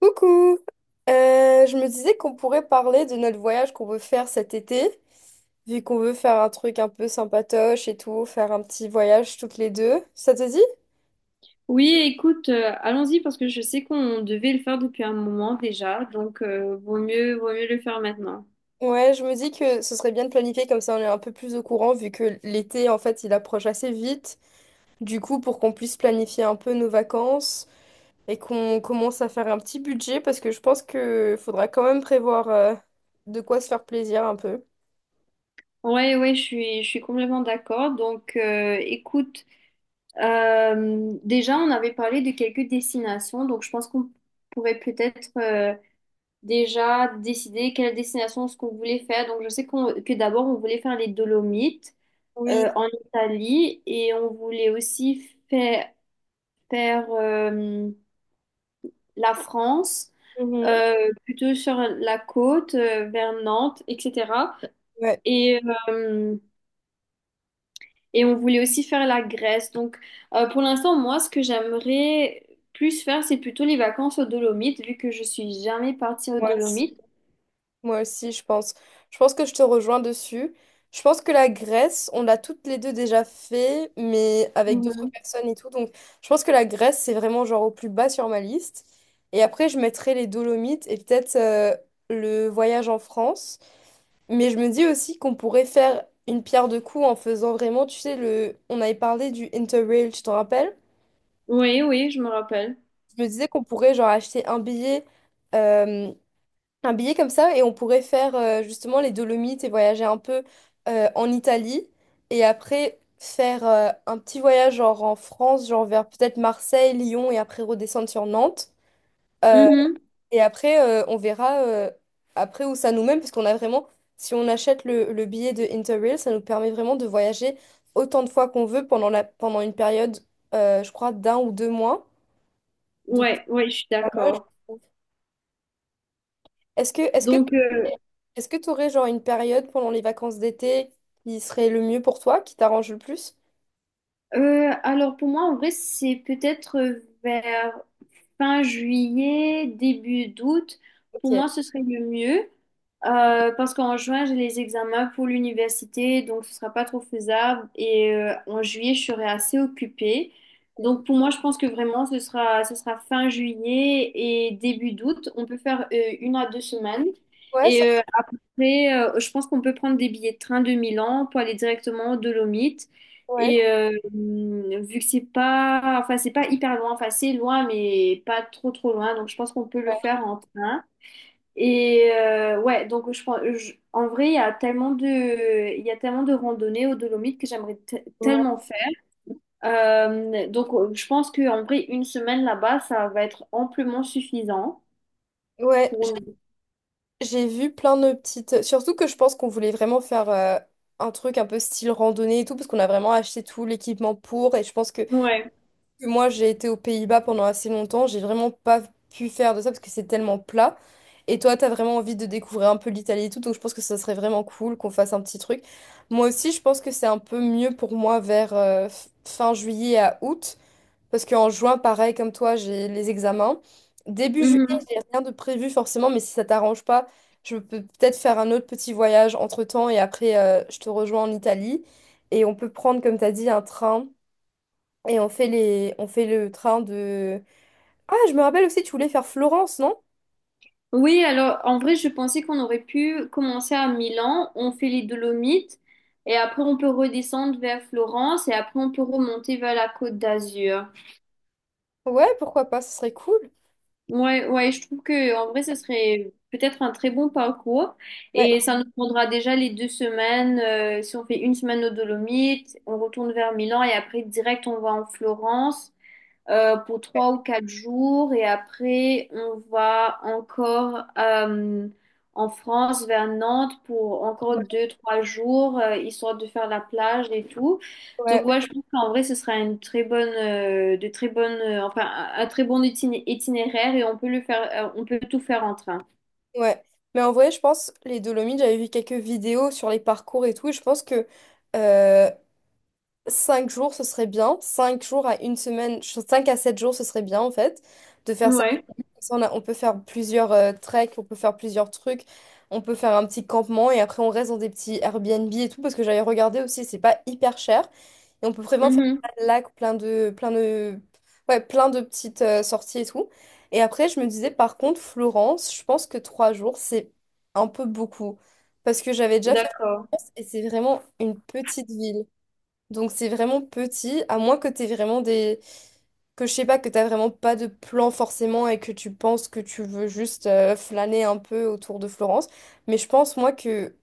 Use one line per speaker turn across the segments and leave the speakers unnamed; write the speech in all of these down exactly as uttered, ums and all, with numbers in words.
Coucou! Euh, je me disais qu'on pourrait parler de notre voyage qu'on veut faire cet été, vu qu'on veut faire un truc un peu sympatoche et tout, faire un petit voyage toutes les deux. Ça te dit?
Oui, écoute, euh, allons-y parce que je sais qu'on devait le faire depuis un moment déjà, donc euh, vaut mieux, vaut mieux le faire maintenant.
Ouais, je me dis que ce serait bien de planifier comme ça on est un peu plus au courant, vu que l'été, en fait, il approche assez vite. Du coup, pour qu'on puisse planifier un peu nos vacances et qu'on commence à faire un petit budget, parce que je pense que faudra quand même prévoir euh, de quoi se faire plaisir un peu.
Ouais, ouais, je suis, je suis complètement d'accord. Donc, euh, écoute, euh, déjà, on avait parlé de quelques destinations, donc je pense qu'on pourrait peut-être euh, déjà décider quelle destination ce qu'on voulait faire. Donc, je sais qu'on, que d'abord, on voulait faire les Dolomites euh,
Oui.
en Italie et on voulait aussi faire, faire euh, la France.
Mhm.
euh, plutôt sur la côte, euh, vers Nantes, et cetera.
Ouais.
Et, euh, et on voulait aussi faire la Grèce. Donc, euh, pour l'instant, moi, ce que j'aimerais plus faire, c'est plutôt les vacances aux Dolomites, vu que je suis jamais partie aux
Ouais.
Dolomites.
Moi aussi, je pense. Je pense que je te rejoins dessus. Je pense que la Grèce, on l'a toutes les deux déjà fait, mais avec d'autres
Mhm.
personnes et tout. Donc, je pense que la Grèce, c'est vraiment genre au plus bas sur ma liste. Et après, je mettrai les Dolomites et peut-être euh, le voyage en France. Mais je me dis aussi qu'on pourrait faire une pierre de coups en faisant vraiment, tu sais, le... on avait parlé du Interrail, tu t'en rappelles?
Oui, oui, je me rappelle.
Je me disais qu'on pourrait genre acheter un billet. euh, un billet comme ça et on pourrait faire euh, justement les Dolomites et voyager un peu euh, en Italie et après faire euh, un petit voyage genre en France, genre vers peut-être Marseille, Lyon et après redescendre sur Nantes. Euh,
Mhm.
et après, euh, on verra euh, après où ça nous mène parce qu'on a vraiment, si on achète le, le billet de Interrail, ça nous permet vraiment de voyager autant de fois qu'on veut pendant la, pendant une période, euh, je crois, d'un ou deux mois. Donc, c'est
Ouais, ouais, je suis
pas mal.
d'accord.
Est-ce que est-ce que
Donc, euh,
est-ce que tu aurais genre une période pendant les vacances d'été qui serait le mieux pour toi, qui t'arrange le plus?
Euh, alors pour moi, en vrai, c'est peut-être euh, vers fin juillet, début d'août.
Ok.
Pour moi, ce serait le mieux euh, parce qu'en juin, j'ai les examens pour l'université, donc ce sera pas trop faisable. Et euh, en juillet, je serai assez occupée. Donc pour moi, je pense que vraiment, ce sera, ce sera fin juillet et début d'août. On peut faire euh, une à deux semaines.
Ouais, ça-
Et euh, après, euh, je pense qu'on peut prendre des billets de train de Milan pour aller directement aux Dolomites.
ouais.
Et euh, vu que c'est pas, enfin c'est pas hyper loin, enfin c'est loin mais pas trop trop loin, donc je pense qu'on peut le
Ouais.
faire en train. Et euh, ouais, donc je, pense- je- en vrai il y a tellement de, il y a tellement de randonnées aux Dolomites que j'aimerais te-
Ouais.
tellement faire. Euh, donc euh, je pense qu'en vrai une semaine là-bas ça va être amplement suffisant
Ouais, j-
pour nous.
j'ai vu plein de petites. Surtout que je pense qu'on voulait vraiment faire euh, un truc un peu style randonnée et tout, parce qu'on a vraiment acheté tout l'équipement pour. Et je pense que
Ouais.
que moi j'ai été aux Pays-Bas pendant assez longtemps, j'ai vraiment pas pu faire de ça parce que c'est tellement plat. Et toi, t'as vraiment envie de découvrir un peu l'Italie et tout, donc je pense que ça serait vraiment cool qu'on fasse un petit truc. Moi aussi, je pense que c'est un peu mieux pour moi vers euh, f- fin juillet à août, parce qu'en juin, pareil comme toi, j'ai les examens. Début juillet, j'ai rien de prévu forcément, mais si ça t'arrange pas, je peux peut-être faire un autre petit voyage entre-temps et après, euh, je te rejoins en Italie. Et on peut prendre, comme t'as dit, un train. Et on fait les... on fait le train de... Ah, je me rappelle aussi, tu voulais faire Florence, non?
Oui, alors en vrai, je pensais qu'on aurait pu commencer à Milan, on fait les Dolomites et après on peut redescendre vers Florence et après on peut remonter vers la Côte d'Azur.
Ouais, pourquoi pas, ce serait cool.
Ouais, ouais, je trouve que en vrai, ce serait peut-être un très bon parcours
Ouais,
et ça nous prendra déjà les deux semaines. euh, si on fait une semaine aux Dolomites, on retourne vers Milan et après direct on va en Florence euh, pour trois ou quatre jours. Et après, on va encore euh, en France, vers Nantes, pour encore
ouais,
deux trois jours, euh, histoire de faire la plage et tout.
ouais, ouais,
Donc, ouais, je pense qu'en vrai, ce sera une très bonne, euh, de très bonne, euh, enfin, un un très bon itin- itinéraire et on peut le faire, euh, on peut tout faire en train.
ouais. Mais en vrai, je pense, les Dolomites, j'avais vu quelques vidéos sur les parcours et tout, et je pense que euh, cinq jours, ce serait bien. Cinq jours à une semaine, cinq à sept jours, ce serait bien, en fait, de faire ça.
Ouais.
Ça, on a- on peut faire plusieurs euh, treks, on peut faire plusieurs trucs, on peut faire un petit campement et après on reste dans des petits Airbnb et tout parce que j'avais regardé aussi, c'est pas hyper cher et on peut vraiment faire
Mhm.
plein de lacs, plein de, plein de, ouais, plein de petites euh, sorties et tout. Et après, je me disais par contre, Florence, je pense que trois jours c'est un peu beaucoup parce que j'avais déjà fait
D'accord.
Florence et c'est vraiment une petite ville. Donc c'est vraiment petit, à moins que t'aies vraiment des... que je sais pas, que t'as vraiment pas de plan forcément et que tu penses que tu veux juste euh, flâner un peu autour de Florence. Mais je pense moi que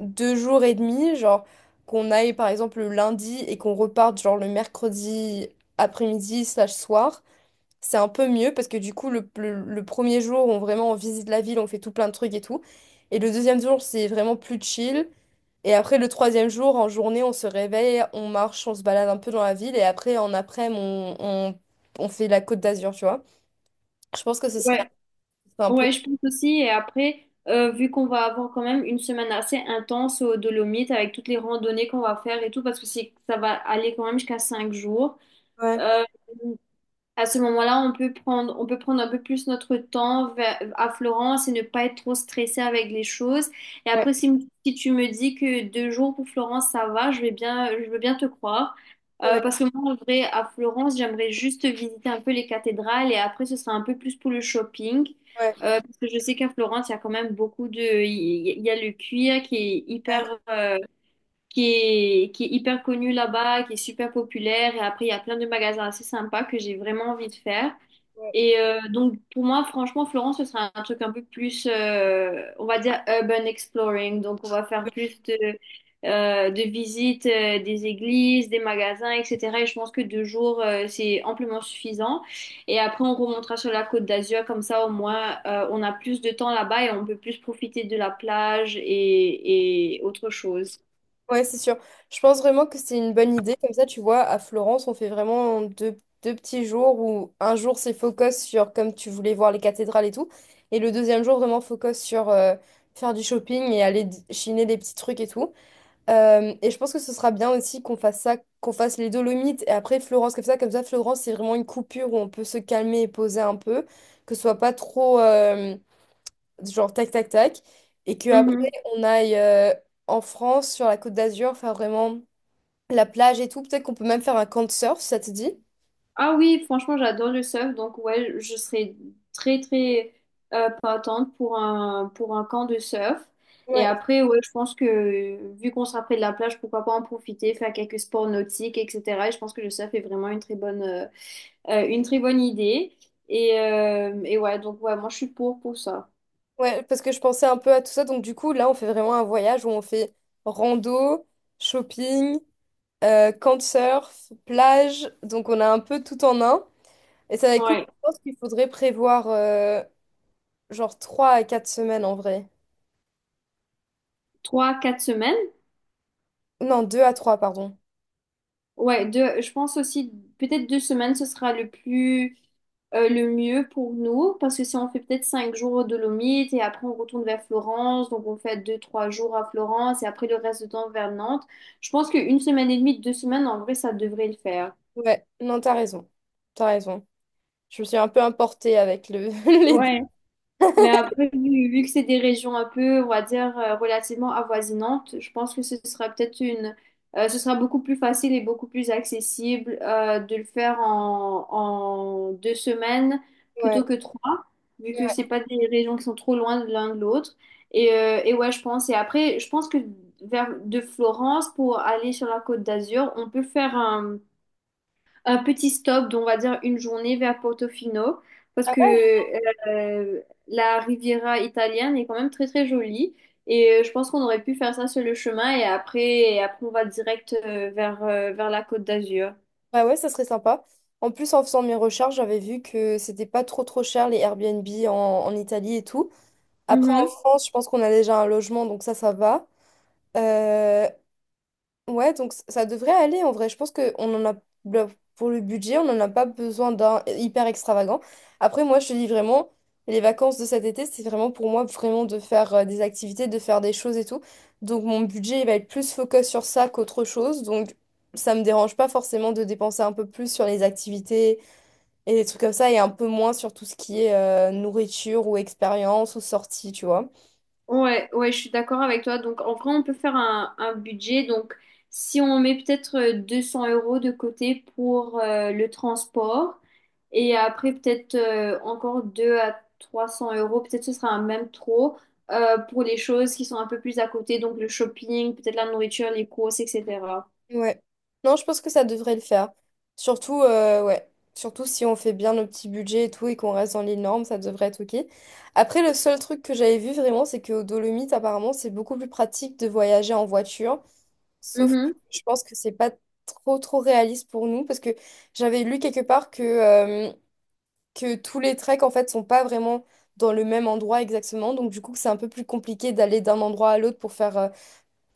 deux jours et demi, genre qu'on aille par exemple le lundi et qu'on reparte genre le mercredi après-midi slash soir, c'est un peu mieux parce que du coup le, le, le premier jour on vraiment on visite la ville, on fait tout plein de trucs et tout. Et le deuxième jour c'est vraiment plus chill. Et après, le troisième jour, en journée, on se réveille, on marche, on se balade un peu dans la ville. Et après, en après-midi, on, on, on fait la Côte d'Azur, tu vois. Je pense que ce serait
Ouais.
un peu...
Ouais, je pense aussi. Et après, euh, vu qu'on va avoir quand même une semaine assez intense aux Dolomites avec toutes les randonnées qu'on va faire et tout, parce que c'est, ça va aller quand même jusqu'à cinq jours.
Ouais,
Euh, à ce moment-là, on peut prendre, on peut prendre un peu plus notre temps va- à Florence et ne pas être trop stressé avec les choses. Et
ouais,
après, si, si tu me dis que deux jours pour Florence, ça va, je vais bien, je veux bien te croire. Euh,
ouais,
parce que moi, en vrai, à Florence, j'aimerais juste visiter un peu les cathédrales et après, ce sera un peu plus pour le shopping.
ouais,
Euh, parce que je sais qu'à Florence, il y a quand même beaucoup de. Il y, il y a le cuir qui est
ouais,
hyper... euh, qui est, qui est hyper connu là-bas, qui est super populaire. Et après, il y a plein de magasins assez sympas que j'ai vraiment envie de faire.
ouais.
Et euh, donc, pour moi, franchement, Florence, ce sera un truc un peu plus, euh, on va dire, urban exploring. Donc, on va faire plus de, euh, de visites euh, des églises, des magasins, et cetera. Et je pense que deux jours, euh, c'est amplement suffisant. Et après, on remontera sur la Côte d'Azur. Comme ça, au moins, euh, on a plus de temps là-bas et on peut plus profiter de la plage et, et autre chose.
Ouais, c'est sûr. Je pense vraiment que c'est une bonne idée. Comme ça, tu vois, à Florence, on fait vraiment deux, deux petits jours où un jour, c'est focus sur, comme tu voulais voir les cathédrales et tout. Et le deuxième jour, vraiment focus sur euh, faire du shopping et aller d- chiner des petits trucs et tout. Euh, et je pense que ce sera bien aussi qu'on fasse ça, qu'on fasse les Dolomites et après Florence comme ça. Comme ça, Florence, c'est vraiment une coupure où on peut se calmer et poser un peu, que ce soit pas trop euh, genre tac tac tac. Et que après
Mm-hmm.
on aille euh, en France, sur la Côte d'Azur, faire vraiment la plage et tout. Peut-être qu'on peut même faire un camp de surf, si ça te dit.
Ah oui, franchement, j'adore le surf, donc ouais, je serais très très euh, partante pour un pour un camp de surf. Et
Ouais,
après, ouais, je pense que vu qu'on sera près de la plage, pourquoi pas en profiter, faire quelques sports nautiques, et cetera. Et je pense que le surf est vraiment une très bonne euh, euh, une très bonne idée. Et, euh, et ouais, donc ouais, moi je suis pour pour ça.
ouais, parce que je pensais un peu à tout ça. Donc du coup, là, on fait vraiment un voyage où on fait rando, shopping, euh, camp de surf, plage. Donc on a un peu tout en un. Et ça va être cool.
Ouais,
Je pense qu'il faudrait prévoir euh, genre trois à quatre semaines en vrai.
trois quatre semaines.
Non, deux à trois pardon.
Ouais, deux, je pense aussi peut-être deux semaines, ce sera le plus euh, le mieux pour nous, parce que si on fait peut-être cinq jours aux Dolomites et après on retourne vers Florence, donc on fait deux trois jours à Florence et après le reste du temps vers Nantes, je pense qu'une semaine et demie, deux semaines, en vrai, ça devrait le faire.
Ouais, non, t'as raison. T'as raison. Je me suis un peu importée avec le... les dates.
Ouais. Mais après, vu, vu que c'est des régions un peu, on va dire, euh, relativement avoisinantes, je pense que ce sera peut-être une, euh, ce sera beaucoup plus facile et beaucoup plus accessible euh, de le faire en, en deux semaines
Ouais.
plutôt que trois, vu que
Ouais.
c'est pas des régions qui sont trop loin de l'un de l'autre. Et, euh, et ouais, je pense. Et après, je pense que vers de Florence pour aller sur la Côte d'Azur, on peut faire un un petit stop d'on va dire une journée vers Portofino parce
Ah
que
ouais?
euh, la Riviera italienne est quand même très très jolie et euh, je pense qu'on aurait pu faire ça sur le chemin et après, et après on va direct euh, vers, euh, vers la Côte d'Azur.
Bah ouais, ça serait sympa. En plus, en faisant mes recherches, j'avais vu que c'était pas trop trop cher les Airbnb en, en Italie et tout. Après, en
Mhm.
France, je pense qu'on a déjà un logement, donc ça, ça va. Euh, Ouais, donc c- ça devrait aller en vrai. Je pense que on en a le- pour le budget, on n'en a pas besoin d'un hyper extravagant. Après, moi, je te dis vraiment, les vacances de cet été, c'est vraiment pour moi vraiment de faire euh, des activités, de faire des choses et tout. Donc mon budget, il va être plus focus sur ça qu'autre chose. Donc ça me dérange pas forcément de dépenser un peu plus sur les activités et des trucs comme ça et un peu moins sur tout ce qui est euh, nourriture ou expérience ou sortie, tu vois.
Ouais, ouais, je suis d'accord avec toi. Donc, en vrai, on peut faire un, un budget. Donc, si on met peut-être euh, deux cents euros de côté pour euh, le transport et après peut-être euh, encore deux à trois cents euros, peut-être ce sera un même trop euh, pour les choses qui sont un peu plus à côté, donc le shopping, peut-être la nourriture, les courses, et cetera.
Ouais. Non, je pense que ça devrait le faire. Surtout, euh, ouais. Surtout si on fait bien nos petits budgets et tout et qu'on reste dans les normes, ça devrait être OK. Après, le seul truc que j'avais vu vraiment, c'est qu'aux Dolomites, apparemment, c'est beaucoup plus pratique de voyager en voiture. Sauf que
Mhm.
je pense que c'est pas trop, trop réaliste pour nous parce que j'avais lu quelque part que, euh, que tous les treks, en fait, sont pas vraiment dans le même endroit exactement. Donc, du coup, c'est un peu plus compliqué d'aller d'un endroit à l'autre pour faire euh,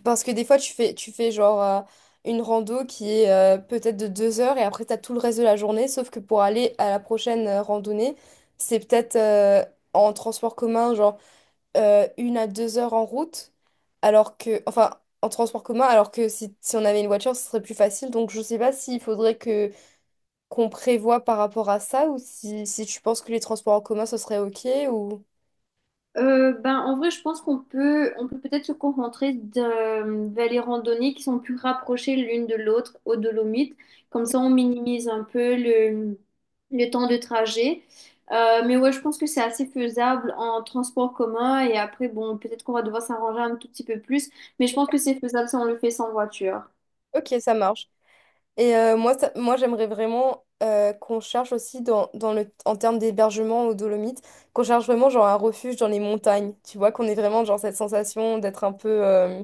parce que des fois, tu fais, tu fais genre euh, une rando qui est euh, peut-être de deux heures et après, tu as tout le reste de la journée. Sauf que pour aller à la prochaine euh, randonnée, c'est peut-être euh, en transport commun, genre euh, une à deux heures en route. Alors que, enfin, en transport commun, alors que si, si on avait une voiture, ce serait plus facile. Donc, je sais pas s'il faudrait que qu'on prévoie par rapport à ça ou si, si tu penses que les transports en commun, ce serait OK ou...
Euh, ben, en vrai, je pense qu'on peut, on peut peut-être se concentrer de- vers les randonnées qui sont plus rapprochées l'une de l'autre aux Dolomites. Comme ça, on minimise un peu le, le temps de trajet. Euh, mais ouais, je pense que c'est assez faisable en transport commun. Et après, bon, peut-être qu'on va devoir s'arranger un tout petit peu plus. Mais je pense que c'est faisable si on le fait sans voiture.
OK, ça marche. Et euh, moi, ça- moi j'aimerais vraiment euh, qu'on cherche aussi dans, dans le, en termes d'hébergement aux Dolomites, qu'on cherche vraiment genre un refuge dans les montagnes. Tu vois, qu'on ait vraiment genre cette sensation d'être un peu euh,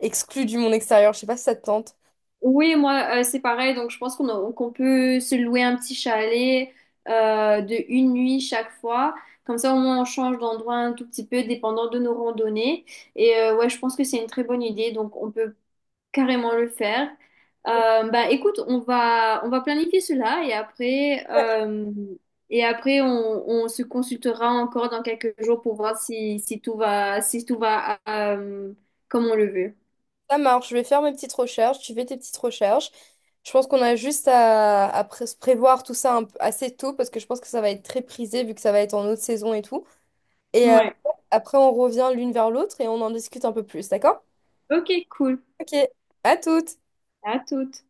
exclu du monde extérieur. Je sais pas si ça te tente.
Oui, moi, euh, c'est pareil. Donc, je pense qu'on a- qu'on peut se louer un petit chalet euh, de une nuit chaque fois. Comme ça, au moins, on change d'endroit un tout petit peu, dépendant de nos randonnées. Et euh, ouais, je pense que c'est une très bonne idée. Donc, on peut carrément le faire. Euh, bah, écoute, on va, on va planifier cela et après,
Ouais.
euh, et après, on, on se consultera encore dans quelques jours pour voir si, si tout va, si tout va euh, comme on le veut.
Ça marche, je vais faire mes petites recherches, tu fais tes petites recherches. Je pense qu'on a juste à, à pré- se prévoir tout ça un peu- assez tôt parce que je pense que ça va être très prisé vu que ça va être en haute saison et tout. Et euh,
Ouais.
après, on revient l'une vers l'autre et on en discute un peu plus, d'accord?
Ok, cool.
Ok, à toutes!
À toutes.